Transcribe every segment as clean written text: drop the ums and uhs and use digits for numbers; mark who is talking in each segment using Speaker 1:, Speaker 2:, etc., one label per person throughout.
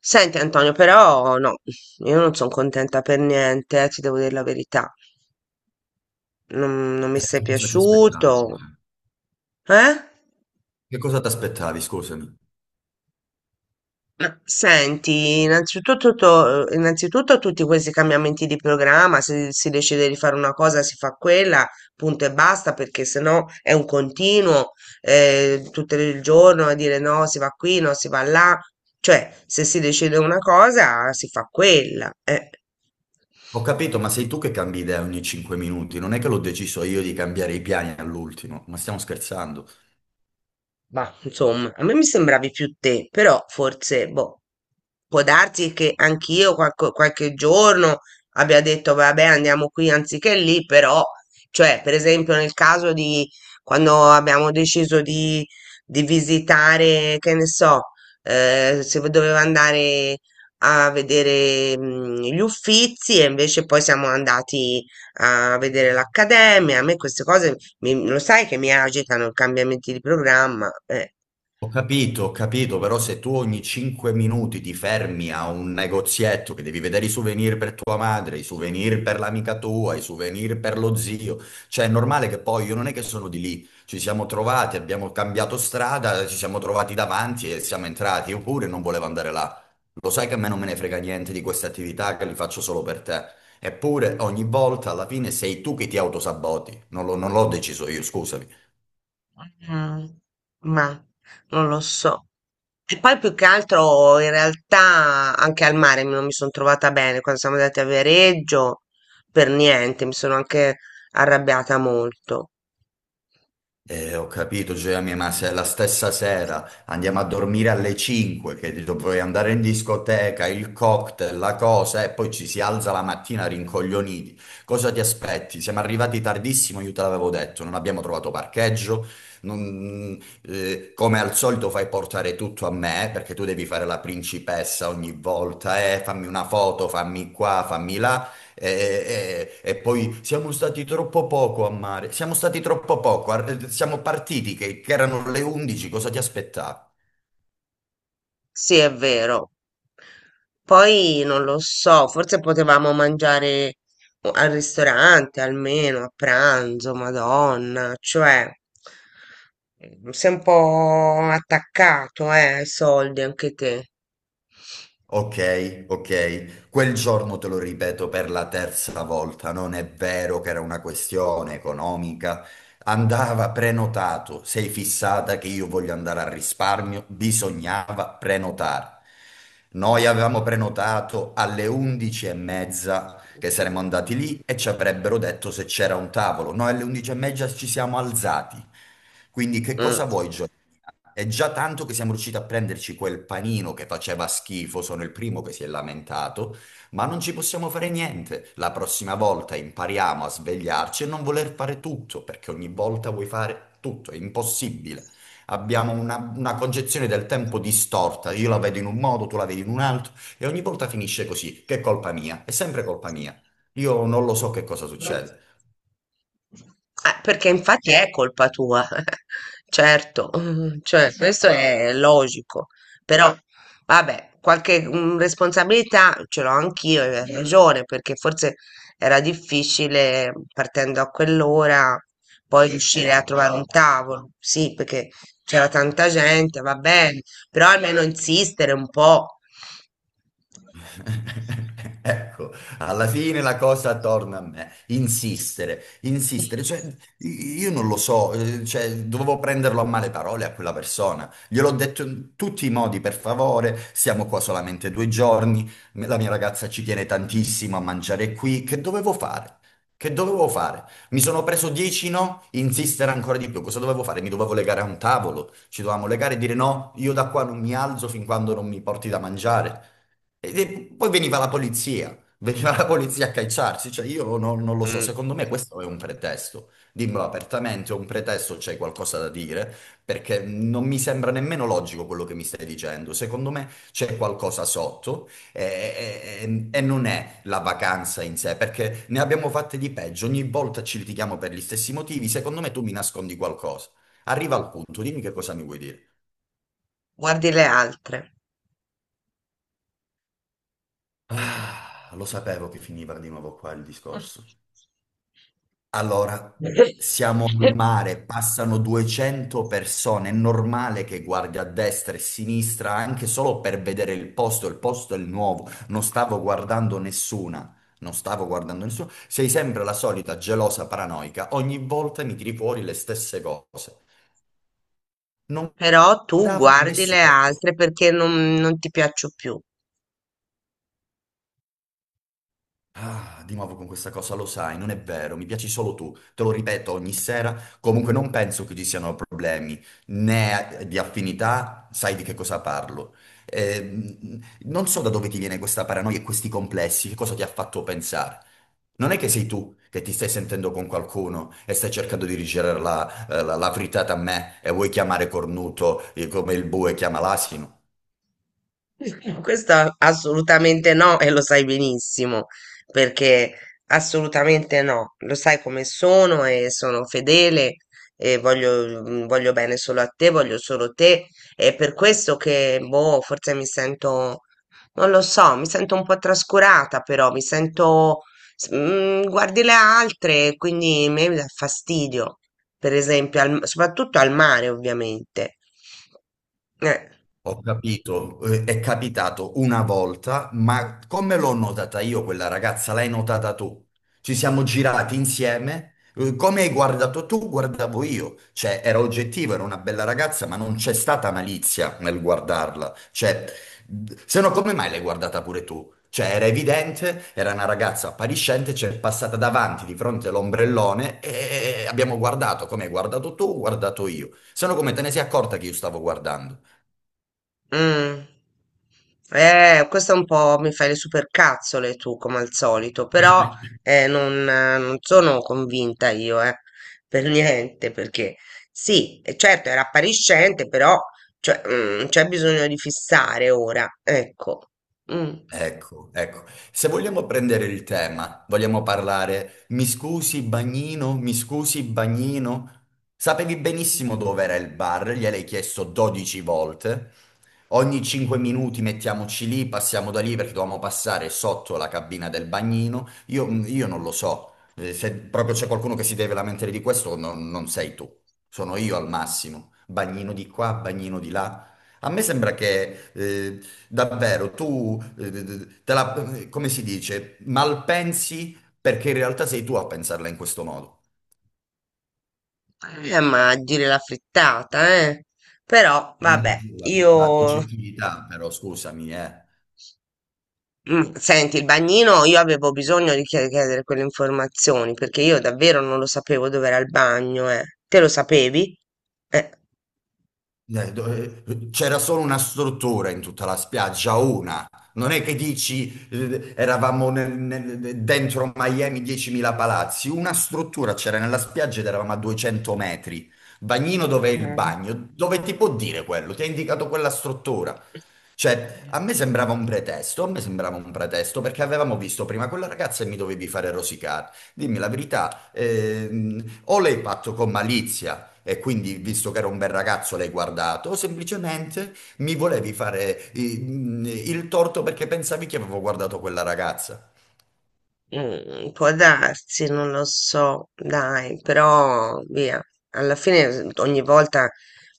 Speaker 1: Senti Antonio, però no, io non sono contenta per niente, ti devo dire la verità. Non mi sei
Speaker 2: Cosa ti aspettavi?
Speaker 1: piaciuto, eh?
Speaker 2: Che cosa ti aspettavi, scusami?
Speaker 1: Ma senti, innanzitutto tutti questi cambiamenti di programma, se si decide di fare una cosa si fa quella, punto e basta, perché sennò è un continuo, tutto il giorno a dire no, si va qui, no, si va là. Cioè, se si decide una cosa si fa quella, eh.
Speaker 2: Ho capito, ma sei tu che cambi idea ogni 5 minuti, non è che l'ho deciso io di cambiare i piani all'ultimo, ma stiamo scherzando.
Speaker 1: Ma insomma, a me mi sembravi più te, però forse, boh, può darsi che anch'io qualche giorno abbia detto, vabbè, andiamo qui anziché lì, però, cioè, per esempio, nel caso di quando abbiamo deciso di visitare, che ne so, se doveva andare a vedere, gli Uffizi e invece poi siamo andati a vedere l'Accademia, a me queste cose lo sai che mi agitano i cambiamenti di programma?
Speaker 2: Ho capito, però se tu ogni 5 minuti ti fermi a un negozietto che devi vedere i souvenir per tua madre, i souvenir per l'amica tua, i souvenir per lo zio, cioè è normale che poi io non è che sono di lì, ci siamo trovati, abbiamo cambiato strada, ci siamo trovati davanti e siamo entrati, io pure non volevo andare là. Lo sai che a me non me ne frega niente di queste attività che li faccio solo per te. Eppure ogni volta alla fine sei tu che ti autosaboti, non l'ho deciso io, scusami.
Speaker 1: Mm, ma non lo so. E poi più che altro in realtà anche al mare non mi sono trovata bene quando siamo andati a Viareggio, per niente, mi sono anche arrabbiata molto.
Speaker 2: Ho capito, Gioia mia, ma se la stessa sera andiamo a dormire alle 5, che dovrei andare in discoteca, il cocktail, la cosa, e poi ci si alza la mattina rincoglioniti. Cosa ti aspetti? Siamo arrivati tardissimo, io te l'avevo detto, non abbiamo trovato parcheggio. non- eh, come al solito fai portare tutto a me, perché tu devi fare la principessa ogni volta, fammi una foto, fammi qua, fammi là. E poi siamo stati troppo poco a mare, siamo stati troppo poco, siamo partiti che erano le 11, cosa ti aspettavi?
Speaker 1: Sì, è vero. Poi non lo so, forse potevamo mangiare al ristorante almeno a pranzo, Madonna, cioè sei un po' attaccato, ai soldi anche te.
Speaker 2: Ok, ok. Quel giorno te lo ripeto per la terza volta, non è vero che era una questione economica. Andava prenotato. Sei fissata che io voglio andare al risparmio? Bisognava prenotare. Noi avevamo prenotato alle 11 e mezza che saremmo
Speaker 1: Mm.
Speaker 2: andati lì e ci avrebbero detto se c'era un tavolo. Noi alle 11 e mezza ci siamo alzati. Quindi che cosa vuoi? È già tanto che siamo riusciti a prenderci quel panino che faceva schifo, sono il primo che si è lamentato, ma non ci possiamo fare niente. La prossima volta impariamo a svegliarci e non voler fare tutto, perché ogni volta vuoi fare tutto, è impossibile. Abbiamo una concezione del tempo distorta, io la vedo in un modo, tu la vedi in un altro, e ogni volta finisce così, che è colpa mia, è sempre colpa mia. Io non lo so che cosa
Speaker 1: Mm.
Speaker 2: succede.
Speaker 1: Perché infatti è colpa tua, certo, cioè questo è logico, però vabbè, qualche responsabilità ce l'ho anch'io, e hai ragione, perché forse era difficile partendo a quell'ora poi riuscire a trovare un tavolo, sì, perché c'era tanta gente, va bene, però almeno insistere un po'.
Speaker 2: Ecco, alla fine la cosa torna a me, insistere, insistere, cioè io non lo so, cioè, dovevo prenderlo a male parole a quella persona, gliel'ho detto in tutti i modi, per favore, siamo qua solamente due giorni, la mia ragazza ci tiene tantissimo a mangiare qui, che dovevo fare? Che dovevo fare? Mi sono preso 10 no, insistere ancora di più, cosa dovevo fare? Mi dovevo legare a un tavolo, ci dovevamo legare e dire no, io da qua non mi alzo fin quando non mi porti da mangiare. E poi veniva la polizia a cacciarci, cioè io non lo so,
Speaker 1: Mm,
Speaker 2: secondo me questo è un pretesto, dimmelo apertamente, è un pretesto, c'è qualcosa da dire, perché non mi sembra nemmeno logico quello che mi stai dicendo, secondo me c'è qualcosa sotto e, e non è la vacanza in sé, perché ne abbiamo fatte di peggio, ogni volta ci litighiamo per gli stessi motivi, secondo me tu mi nascondi qualcosa. Arriva al punto, dimmi che cosa mi vuoi dire.
Speaker 1: Guardi le altre.
Speaker 2: Ah, lo sapevo che finiva di nuovo qua il discorso. Allora, siamo al mare, passano 200 persone, è normale che guardi a destra e a sinistra anche solo per vedere il posto è il nuovo, non stavo guardando nessuna, non stavo guardando nessuno, sei sempre la solita gelosa paranoica, ogni volta mi tiri fuori le stesse cose. Non
Speaker 1: Però tu
Speaker 2: guardavo
Speaker 1: guardi le
Speaker 2: nessuno.
Speaker 1: altre perché non ti piaccio più.
Speaker 2: Ah, di nuovo con questa cosa, lo sai, non è vero, mi piaci solo tu, te lo ripeto ogni sera, comunque non penso che ci siano problemi né di affinità, sai di che cosa parlo. Non so da dove ti viene questa paranoia e questi complessi, che cosa ti ha fatto pensare. Non è che sei tu che ti stai sentendo con qualcuno e stai cercando di rigirare la, la frittata a me e vuoi chiamare cornuto come il bue chiama l'asino.
Speaker 1: Questo assolutamente no, e lo sai benissimo, perché assolutamente no, lo sai come sono e sono fedele e voglio bene solo a te, voglio solo te, e per questo che, boh, forse mi sento, non lo so, mi sento un po' trascurata, però mi sento, guardi le altre, quindi mi dà fastidio, per esempio, soprattutto al mare, ovviamente. Eh.
Speaker 2: Ho capito, è capitato una volta, ma come l'ho notata io quella ragazza, l'hai notata tu? Ci siamo girati insieme, come hai guardato tu, guardavo io. Cioè, era oggettivo, era una bella ragazza, ma non c'è stata malizia nel guardarla. Cioè, se no come mai l'hai guardata pure tu? Cioè, era evidente, era una ragazza appariscente, ci è passata davanti di fronte all'ombrellone e abbiamo guardato come hai guardato tu, ho guardato io. Se no come te ne sei accorta che io stavo guardando?
Speaker 1: Mm. Questo un po' mi fai le supercazzole tu, come al solito, però non sono convinta io, per niente, perché sì, certo era appariscente, però cioè, c'è bisogno di fissare ora, ecco. Mm.
Speaker 2: Ecco, ecco. Se vogliamo prendere il tema, vogliamo parlare, mi scusi bagnino, mi scusi bagnino. Sapevi benissimo dove era il bar, gliel'hai chiesto 12 volte. Ogni 5 minuti mettiamoci lì, passiamo da lì perché dovevamo passare sotto la cabina del bagnino. Io, io non lo so. Se proprio c'è qualcuno che si deve lamentare di questo, non sei tu, sono io al massimo. Bagnino di qua, bagnino di là. A me sembra che davvero, tu te la, come si dice, malpensi perché in realtà sei tu a pensarla in questo modo.
Speaker 1: Ma a dire la frittata, eh. Però
Speaker 2: Non è
Speaker 1: vabbè,
Speaker 2: la tua
Speaker 1: io.
Speaker 2: oggettività, però scusami, eh.
Speaker 1: Senti, il bagnino, io avevo bisogno di chiedere quelle informazioni perché io davvero non lo sapevo dove era il bagno, eh. Te lo sapevi? Eh.
Speaker 2: C'era solo una struttura in tutta la spiaggia, una. Non è che dici eravamo dentro Miami 10.000 palazzi, una struttura c'era nella spiaggia ed eravamo a 200 metri. Bagnino dov'è il
Speaker 1: Eh.
Speaker 2: bagno? Dove ti può dire quello? Ti ha indicato quella struttura. Cioè, a me sembrava un pretesto, a me sembrava un pretesto perché avevamo visto prima quella ragazza e mi dovevi fare rosicare. Dimmi la verità, o l'hai fatto con malizia e quindi, visto che era un bel ragazzo, l'hai guardato, o semplicemente mi volevi fare il torto perché pensavi che avevo guardato quella ragazza.
Speaker 1: Può darsi, non lo so, dai, però via, alla fine ogni volta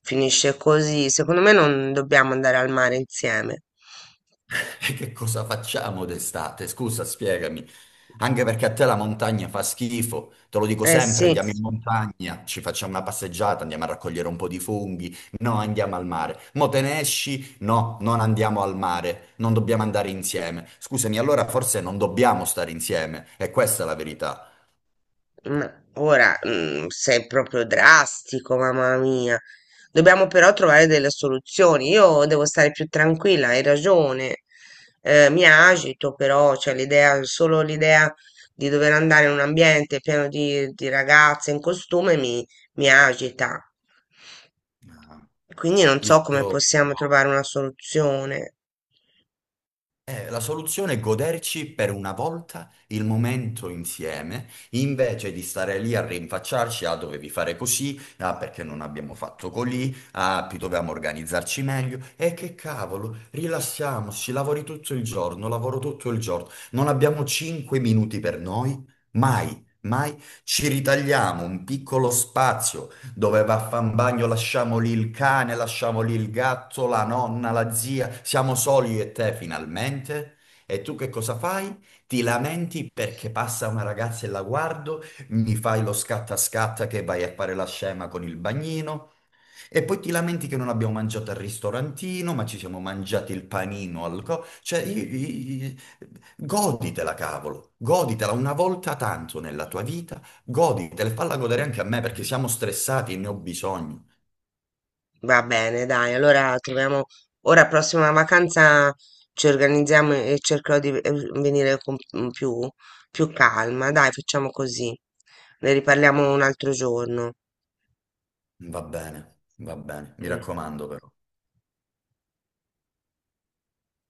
Speaker 1: finisce così. Secondo me non dobbiamo andare al mare insieme.
Speaker 2: E che cosa facciamo d'estate? Scusa, spiegami. Anche perché a te la montagna fa schifo, te lo dico
Speaker 1: Eh
Speaker 2: sempre,
Speaker 1: sì.
Speaker 2: andiamo in montagna, ci facciamo una passeggiata, andiamo a raccogliere un po' di funghi, no, andiamo al mare. Mo te ne esci? No, non andiamo al mare, non dobbiamo andare insieme. Scusami, allora forse non dobbiamo stare insieme, e questa è la verità.
Speaker 1: Ma ora, sei proprio drastico, mamma mia. Dobbiamo però trovare delle soluzioni. Io devo stare più tranquilla, hai ragione. Mi agito però, cioè l'idea, solo l'idea di dover andare in un ambiente pieno di, ragazze in costume mi agita.
Speaker 2: Ah.
Speaker 1: Quindi non so come
Speaker 2: Io
Speaker 1: possiamo trovare una soluzione.
Speaker 2: La soluzione è goderci per una volta il momento insieme, invece di stare lì a rinfacciarci, ah, dovevi fare così, ah, perché non abbiamo fatto così, ah, più dovevamo organizzarci meglio. E che cavolo, rilassiamoci, lavori tutto il giorno, lavoro tutto il giorno, non abbiamo 5 minuti per noi, mai. Mai ci ritagliamo un piccolo spazio, dove va a fan bagno, lasciamo lì il cane, lasciamo lì il gatto, la nonna, la zia, siamo soli io e te finalmente. E tu che cosa fai? Ti lamenti perché passa una ragazza e la guardo, mi fai lo scatta scatta che vai a fare la scema con il bagnino, e poi ti lamenti che non abbiamo mangiato al ristorantino, ma ci siamo mangiati il panino al co... Cioè, goditela, cavolo, goditela una volta tanto nella tua vita, goditela e falla godere anche a me perché siamo stressati e ne ho bisogno.
Speaker 1: Va bene, dai, allora troviamo ora prossima vacanza ci organizziamo e cercherò di venire con più calma. Dai, facciamo così. Ne riparliamo un altro giorno.
Speaker 2: Va bene, mi
Speaker 1: Mm.
Speaker 2: raccomando però.